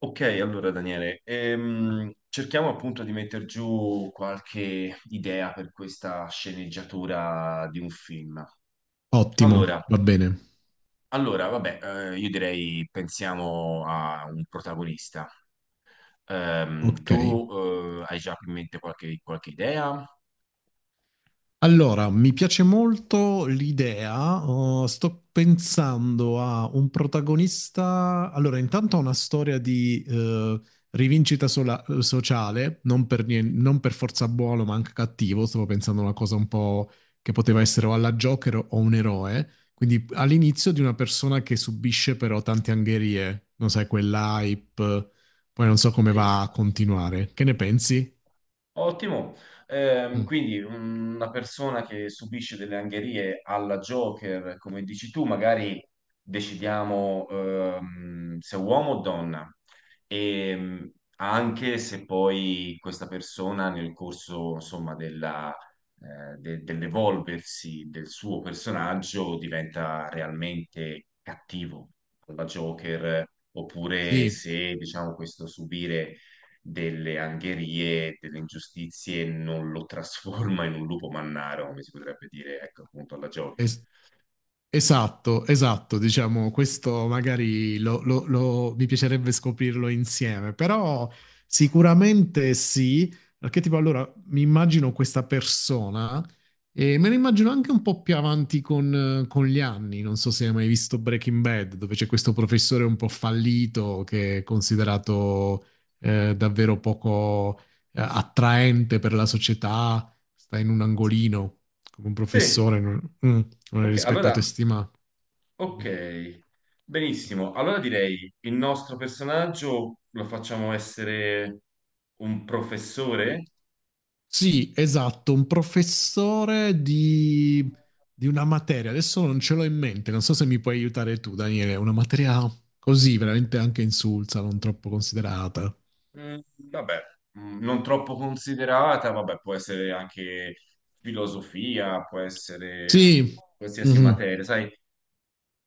Ok, allora Daniele, cerchiamo appunto di mettere giù qualche idea per questa sceneggiatura di un film. Ottimo, Allora, va bene. allora, vabbè, io direi pensiamo a un protagonista. Ok. Tu hai già in mente qualche idea? Allora, mi piace molto l'idea. Sto pensando a un protagonista. Allora, intanto ha una storia di rivincita sociale, non per, non per forza buono, ma anche cattivo. Stavo pensando a una cosa un po' che poteva essere o alla Joker o un eroe. Quindi all'inizio di una persona che subisce però tante angherie, non sai, quell'hype. Poi non so come Sì. va a continuare. Che ne pensi? Ottimo. Mm. Quindi una persona che subisce delle angherie alla Joker, come dici tu, magari decidiamo se uomo o donna, e anche se poi questa persona nel corso, insomma, della, dell'evolversi del suo personaggio diventa realmente cattivo alla Joker, oppure Sì, se, diciamo, questo subire delle angherie, delle ingiustizie, non lo trasforma in un lupo mannaro, come si potrebbe dire, ecco, appunto alla Joker. es- esatto, esatto, diciamo, questo magari mi piacerebbe scoprirlo insieme, però sicuramente sì, perché tipo allora mi immagino questa persona e me la immagino anche un po' più avanti con gli anni, non so se hai mai visto Breaking Bad, dove c'è questo professore un po' fallito che è considerato davvero poco attraente per la società, sta in un angolino come un Sì, professore. Mm. Non è ok, rispettato e allora, stimato. ok, benissimo. Allora direi il nostro personaggio lo facciamo essere un professore? Sì, esatto, un professore di una materia. Adesso non ce l'ho in mente, non so se mi puoi aiutare tu, Daniele. Una materia così, veramente anche insulsa, non troppo considerata. Vabbè, non troppo considerata, vabbè, può essere anche filosofia, può essere Sì, qualsiasi mhm, materia, sai?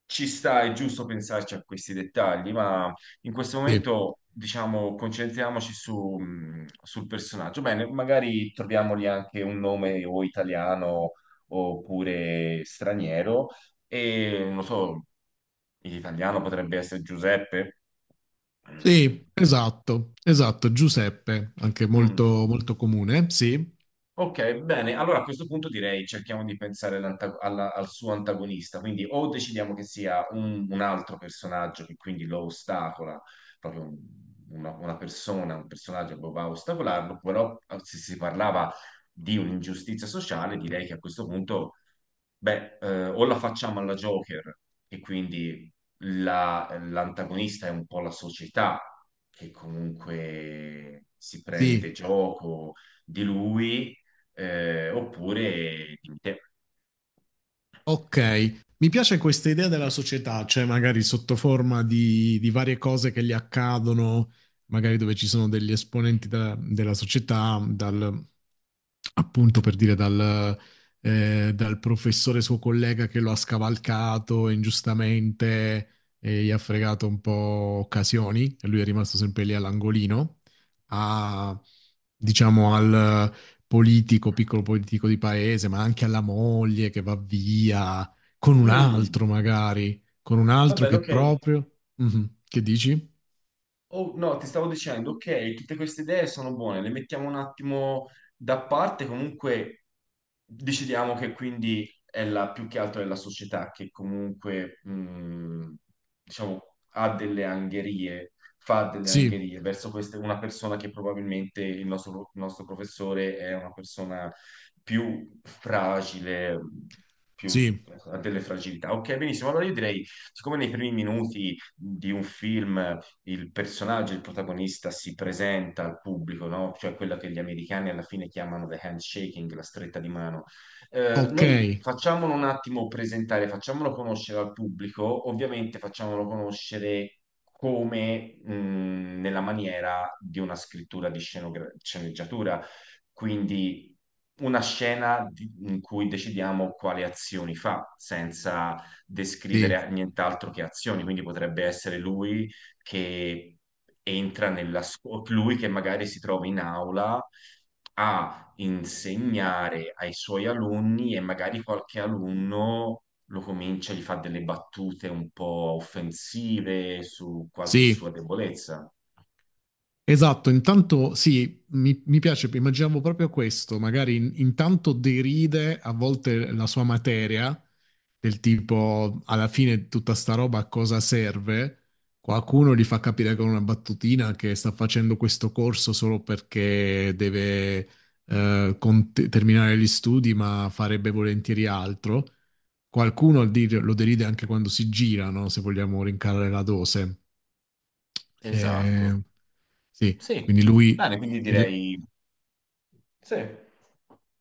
Ci sta, è giusto pensarci a questi dettagli, ma in questo sì, momento, diciamo, concentriamoci su, sul personaggio. Bene, magari troviamogli anche un nome o italiano oppure straniero. E non so, in italiano potrebbe essere Giuseppe. Mm. sì, esatto, esatto. Giuseppe, anche Mm. molto, molto comune. Sì, Ok, bene. Allora a questo punto direi cerchiamo di pensare al suo antagonista. Quindi o decidiamo che sia un altro personaggio che quindi lo ostacola, proprio un- una persona, un personaggio che va a ostacolarlo, però se si parlava di un'ingiustizia sociale, direi che a questo punto beh, o la facciamo alla Joker, e quindi l'antagonista è un po' la società che comunque si prende sì. gioco di lui, oppure di te. Ok, mi piace questa idea della società, cioè magari sotto forma di varie cose che gli accadono, magari dove ci sono degli esponenti della società, dal, appunto per dire dal, dal professore suo collega che lo ha scavalcato ingiustamente e gli ha fregato un po' occasioni, e lui è rimasto sempre lì all'angolino, a, diciamo al politico, piccolo politico di paese, ma anche alla moglie che va via con un altro Mm, magari, con un va altro bene, che ok. proprio... Mhm. Che dici? Oh, no, ti stavo dicendo, ok, tutte queste idee sono buone, le mettiamo un attimo da parte, comunque decidiamo che quindi è la, più che altro è la società che comunque, diciamo, ha delle angherie, fa delle Sì, angherie verso queste, una persona che probabilmente il nostro professore è una persona più fragile, più sì, ha delle fragilità. Ok, benissimo. Allora io direi, siccome nei primi minuti di un film il personaggio, il protagonista si presenta al pubblico, no? Cioè quella che gli americani alla fine chiamano the handshaking, la stretta di mano. Ok, Noi facciamolo un attimo presentare, facciamolo conoscere al pubblico, ovviamente facciamolo conoscere come nella maniera di una scrittura di sceneggiatura, quindi una scena in cui decidiamo quali azioni fa, senza sì, descrivere nient'altro che azioni, quindi potrebbe essere lui che entra nella scuola, lui che magari si trova in aula a insegnare ai suoi alunni e magari qualche alunno lo comincia, gli fa delle battute un po' offensive su qualche sì. sua debolezza. Esatto, intanto sì, mi piace, immaginavo proprio questo, magari intanto deride a volte la sua materia, del tipo alla fine tutta sta roba a cosa serve, qualcuno gli fa capire con una battutina che sta facendo questo corso solo perché deve terminare gli studi, ma farebbe volentieri altro. Qualcuno lo deride anche quando si gira, no? Se vogliamo rincarare la dose. Eh, Esatto. sì, Sì. quindi lui... Bene, quindi il- direi. Sì.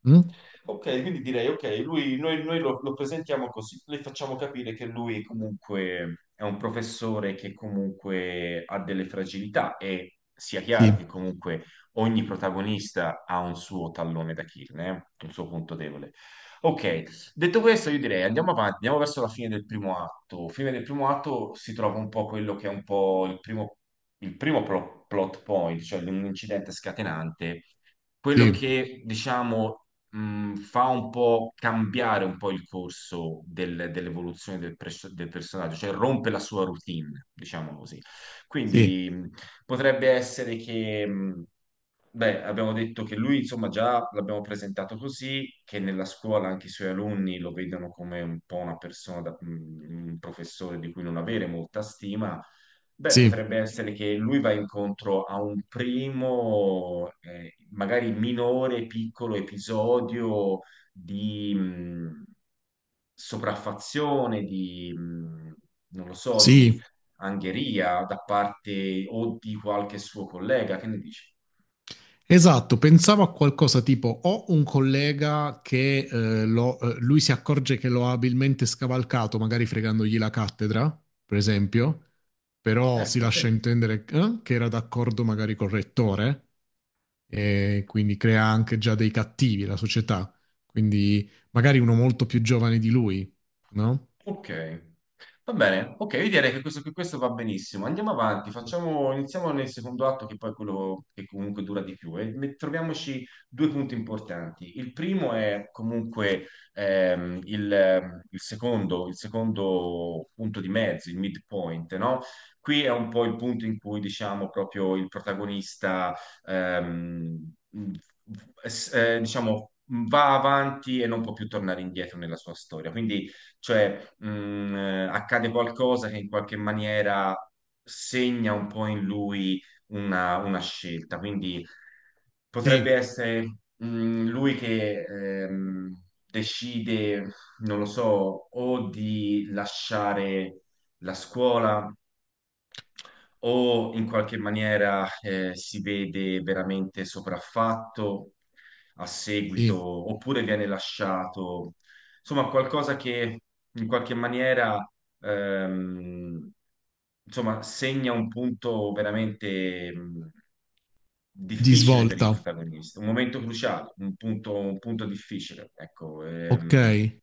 mm? Ok, quindi direi, ok, lui, noi lo, lo presentiamo così, le facciamo capire che lui comunque è un professore che comunque ha delle fragilità e sia chiaro Sì, che comunque ogni protagonista ha un suo tallone d'Achille, un suo punto debole. Ok, detto questo io direi andiamo avanti, andiamo verso la fine del primo atto. Fine del primo atto si trova un po' quello che è un po' il primo, il primo plot point, cioè un incidente scatenante quello sì, che diciamo fa un po' cambiare un po' il corso dell'evoluzione del personaggio, cioè rompe la sua routine, diciamo così. sì, Quindi potrebbe essere che, beh, abbiamo detto che lui, insomma, già l'abbiamo presentato così, che nella scuola anche i suoi alunni lo vedono come un po' una persona, un professore di cui non avere molta stima. Beh, sì, potrebbe essere che lui va incontro a un primo, magari minore, piccolo episodio di sopraffazione, di, non lo so, di sì. angheria da parte o di qualche suo collega. Che ne dici? Esatto, pensavo a qualcosa tipo ho un collega che lui si accorge che lo ha abilmente scavalcato, magari fregandogli la cattedra, per esempio, però si Ecco, lascia sì. intendere che era d'accordo magari col rettore e quindi crea anche già dei cattivi la società, quindi magari uno molto più giovane di lui, no? Ok, va bene. Ok, io direi che questo va benissimo. Andiamo avanti, facciamo, iniziamo nel secondo atto, che poi è quello che comunque dura di più. E troviamoci due punti importanti. Il primo è comunque il secondo punto di mezzo, il midpoint, no? Qui è un po' il punto in cui, diciamo, proprio il protagonista, ehm, mh, diciamo, va avanti e non può più tornare indietro nella sua storia. Quindi cioè accade qualcosa che in qualche maniera segna un po' in lui una scelta, quindi potrebbe Sì, essere lui che decide, non lo so, o di lasciare la scuola o in qualche maniera si vede veramente sopraffatto a sì, seguito, oppure viene lasciato, insomma, qualcosa che in qualche maniera ehm, insomma, segna un punto veramente di difficile per il svolta, protagonista, un momento cruciale, un punto difficile, ecco. ok?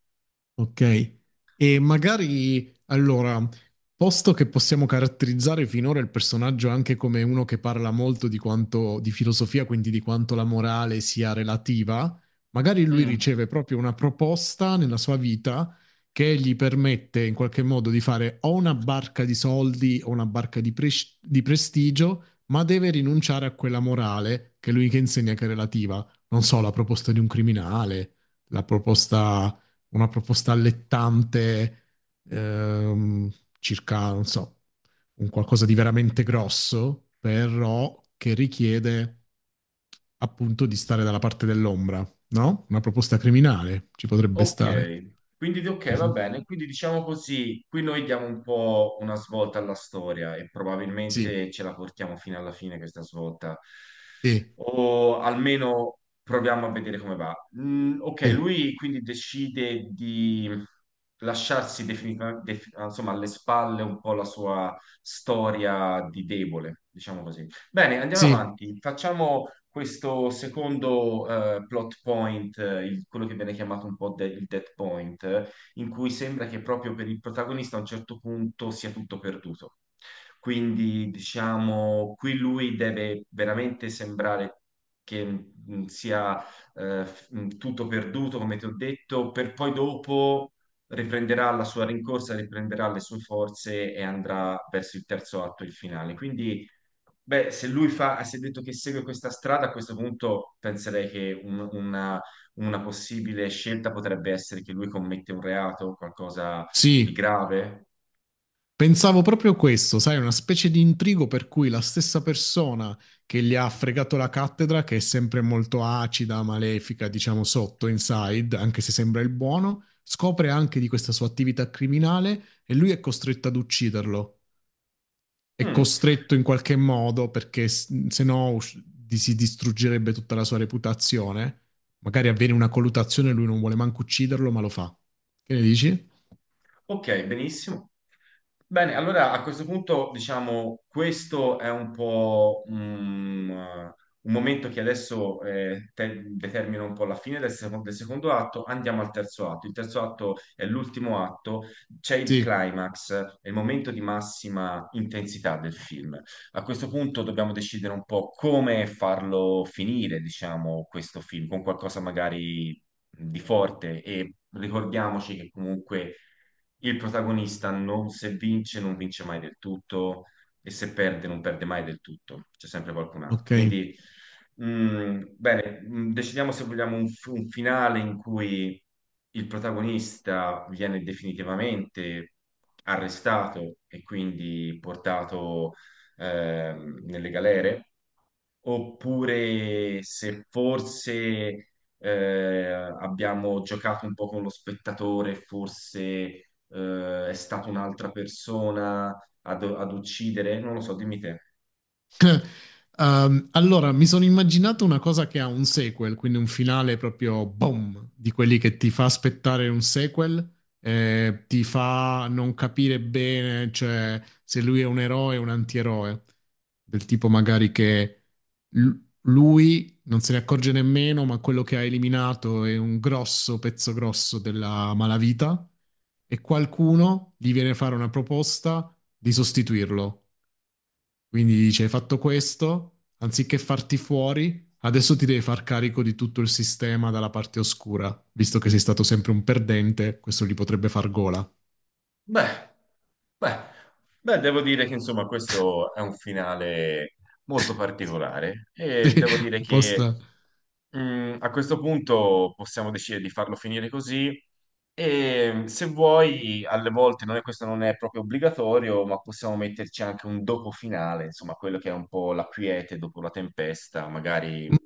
Ok, e magari allora, posto che possiamo caratterizzare finora il personaggio anche come uno che parla molto di quanto di filosofia, quindi di quanto la morale sia relativa, magari lui Mm. riceve proprio una proposta nella sua vita che gli permette in qualche modo di fare o una barca di soldi o una barca di, di prestigio, ma deve rinunciare a quella morale che lui che insegna che è relativa. Non so, la proposta di un criminale, la proposta una proposta allettante, ehm, circa, non so, un qualcosa di veramente grosso, però che richiede appunto di stare dalla parte dell'ombra, no? Una proposta criminale ci potrebbe Ok, stare. quindi ok, va Mhm. bene. Quindi diciamo così, qui noi diamo un po' una svolta alla storia e Sì, probabilmente ce la portiamo fino alla fine questa svolta, sì, o almeno proviamo a vedere come va. Ok, sì, lui quindi decide di lasciarsi definitivamente, insomma, alle spalle un po' la sua storia di debole, diciamo così. Bene, andiamo sì, avanti. Facciamo questo secondo plot point, quello che viene chiamato un po' il dead point, in cui sembra che proprio per il protagonista a un certo punto sia tutto perduto. Quindi, diciamo, qui lui deve veramente sembrare che sia tutto perduto, come ti ho detto, per poi dopo riprenderà la sua rincorsa, riprenderà le sue forze e andrà verso il terzo atto, il finale. Quindi beh, se lui fa, se ha detto che segue questa strada, a questo punto penserei che una possibile scelta potrebbe essere che lui commette un reato, qualcosa di sì. grave. Pensavo proprio questo, sai, una specie di intrigo per cui la stessa persona che gli ha fregato la cattedra, che è sempre molto acida, malefica, diciamo sotto, inside, anche se sembra il buono, scopre anche di questa sua attività criminale e lui è costretto ad ucciderlo. È Mm. costretto in qualche modo perché s- se no us- di- si distruggerebbe tutta la sua reputazione. Magari avviene una colluttazione e lui non vuole manco ucciderlo, ma lo fa. Che ne dici? Ok, benissimo. Bene, allora a questo punto, diciamo, questo è un po' un momento che adesso determina un po' la fine del secondo atto. Andiamo al terzo atto. Il terzo atto è l'ultimo atto, c'è il Sì, climax, è il momento di massima intensità del film. A questo punto dobbiamo decidere un po' come farlo finire, diciamo, questo film, con qualcosa magari di forte e ricordiamoci che comunque il protagonista non, se vince, non vince mai del tutto e se perde, non perde mai del tutto, c'è sempre qualcun ok. altro. Quindi, bene, decidiamo se vogliamo un finale in cui il protagonista viene definitivamente arrestato e quindi portato nelle galere oppure se forse eh, abbiamo giocato un po' con lo spettatore, forse è stata un'altra persona ad uccidere, non lo so, dimmi te. Allora, mi sono immaginato una cosa che ha un sequel, quindi un finale proprio boom, di quelli che ti fa aspettare un sequel, ti fa non capire bene, cioè se lui è un eroe o un antieroe, del tipo magari che l- lui non se ne accorge nemmeno, ma quello che ha eliminato è un grosso pezzo grosso della malavita e qualcuno gli viene a fare una proposta di sostituirlo. Quindi dice, hai fatto questo, anziché farti fuori, adesso ti devi far carico di tutto il sistema dalla parte oscura, visto che sei stato sempre un perdente, questo gli potrebbe far gola. Beh, beh, beh, devo dire che insomma questo è un finale molto particolare e Sì, devo dire un po' che a questo punto possiamo decidere di farlo finire così e se vuoi, alle volte non è, questo non è proprio obbligatorio, ma possiamo metterci anche un dopo finale, insomma, quello che è un po' la quiete dopo la tempesta, mm, magari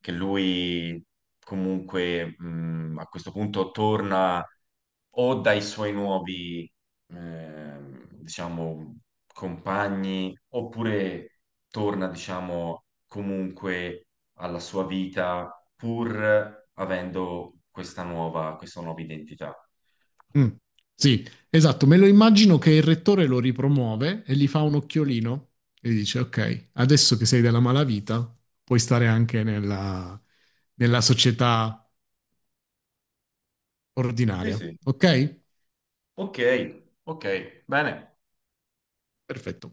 che lui comunque a questo punto torna o dai suoi nuovi, diciamo, compagni, oppure torna, diciamo, comunque alla sua vita pur avendo questa nuova identità. mm. Sì, esatto, me lo immagino che il rettore lo ripromuove e gli fa un occhiolino e gli dice, ok, adesso che sei della malavita, puoi stare anche nella, nella società Sì, ordinaria, sì. ok? Ok, ok, bene. Perfetto.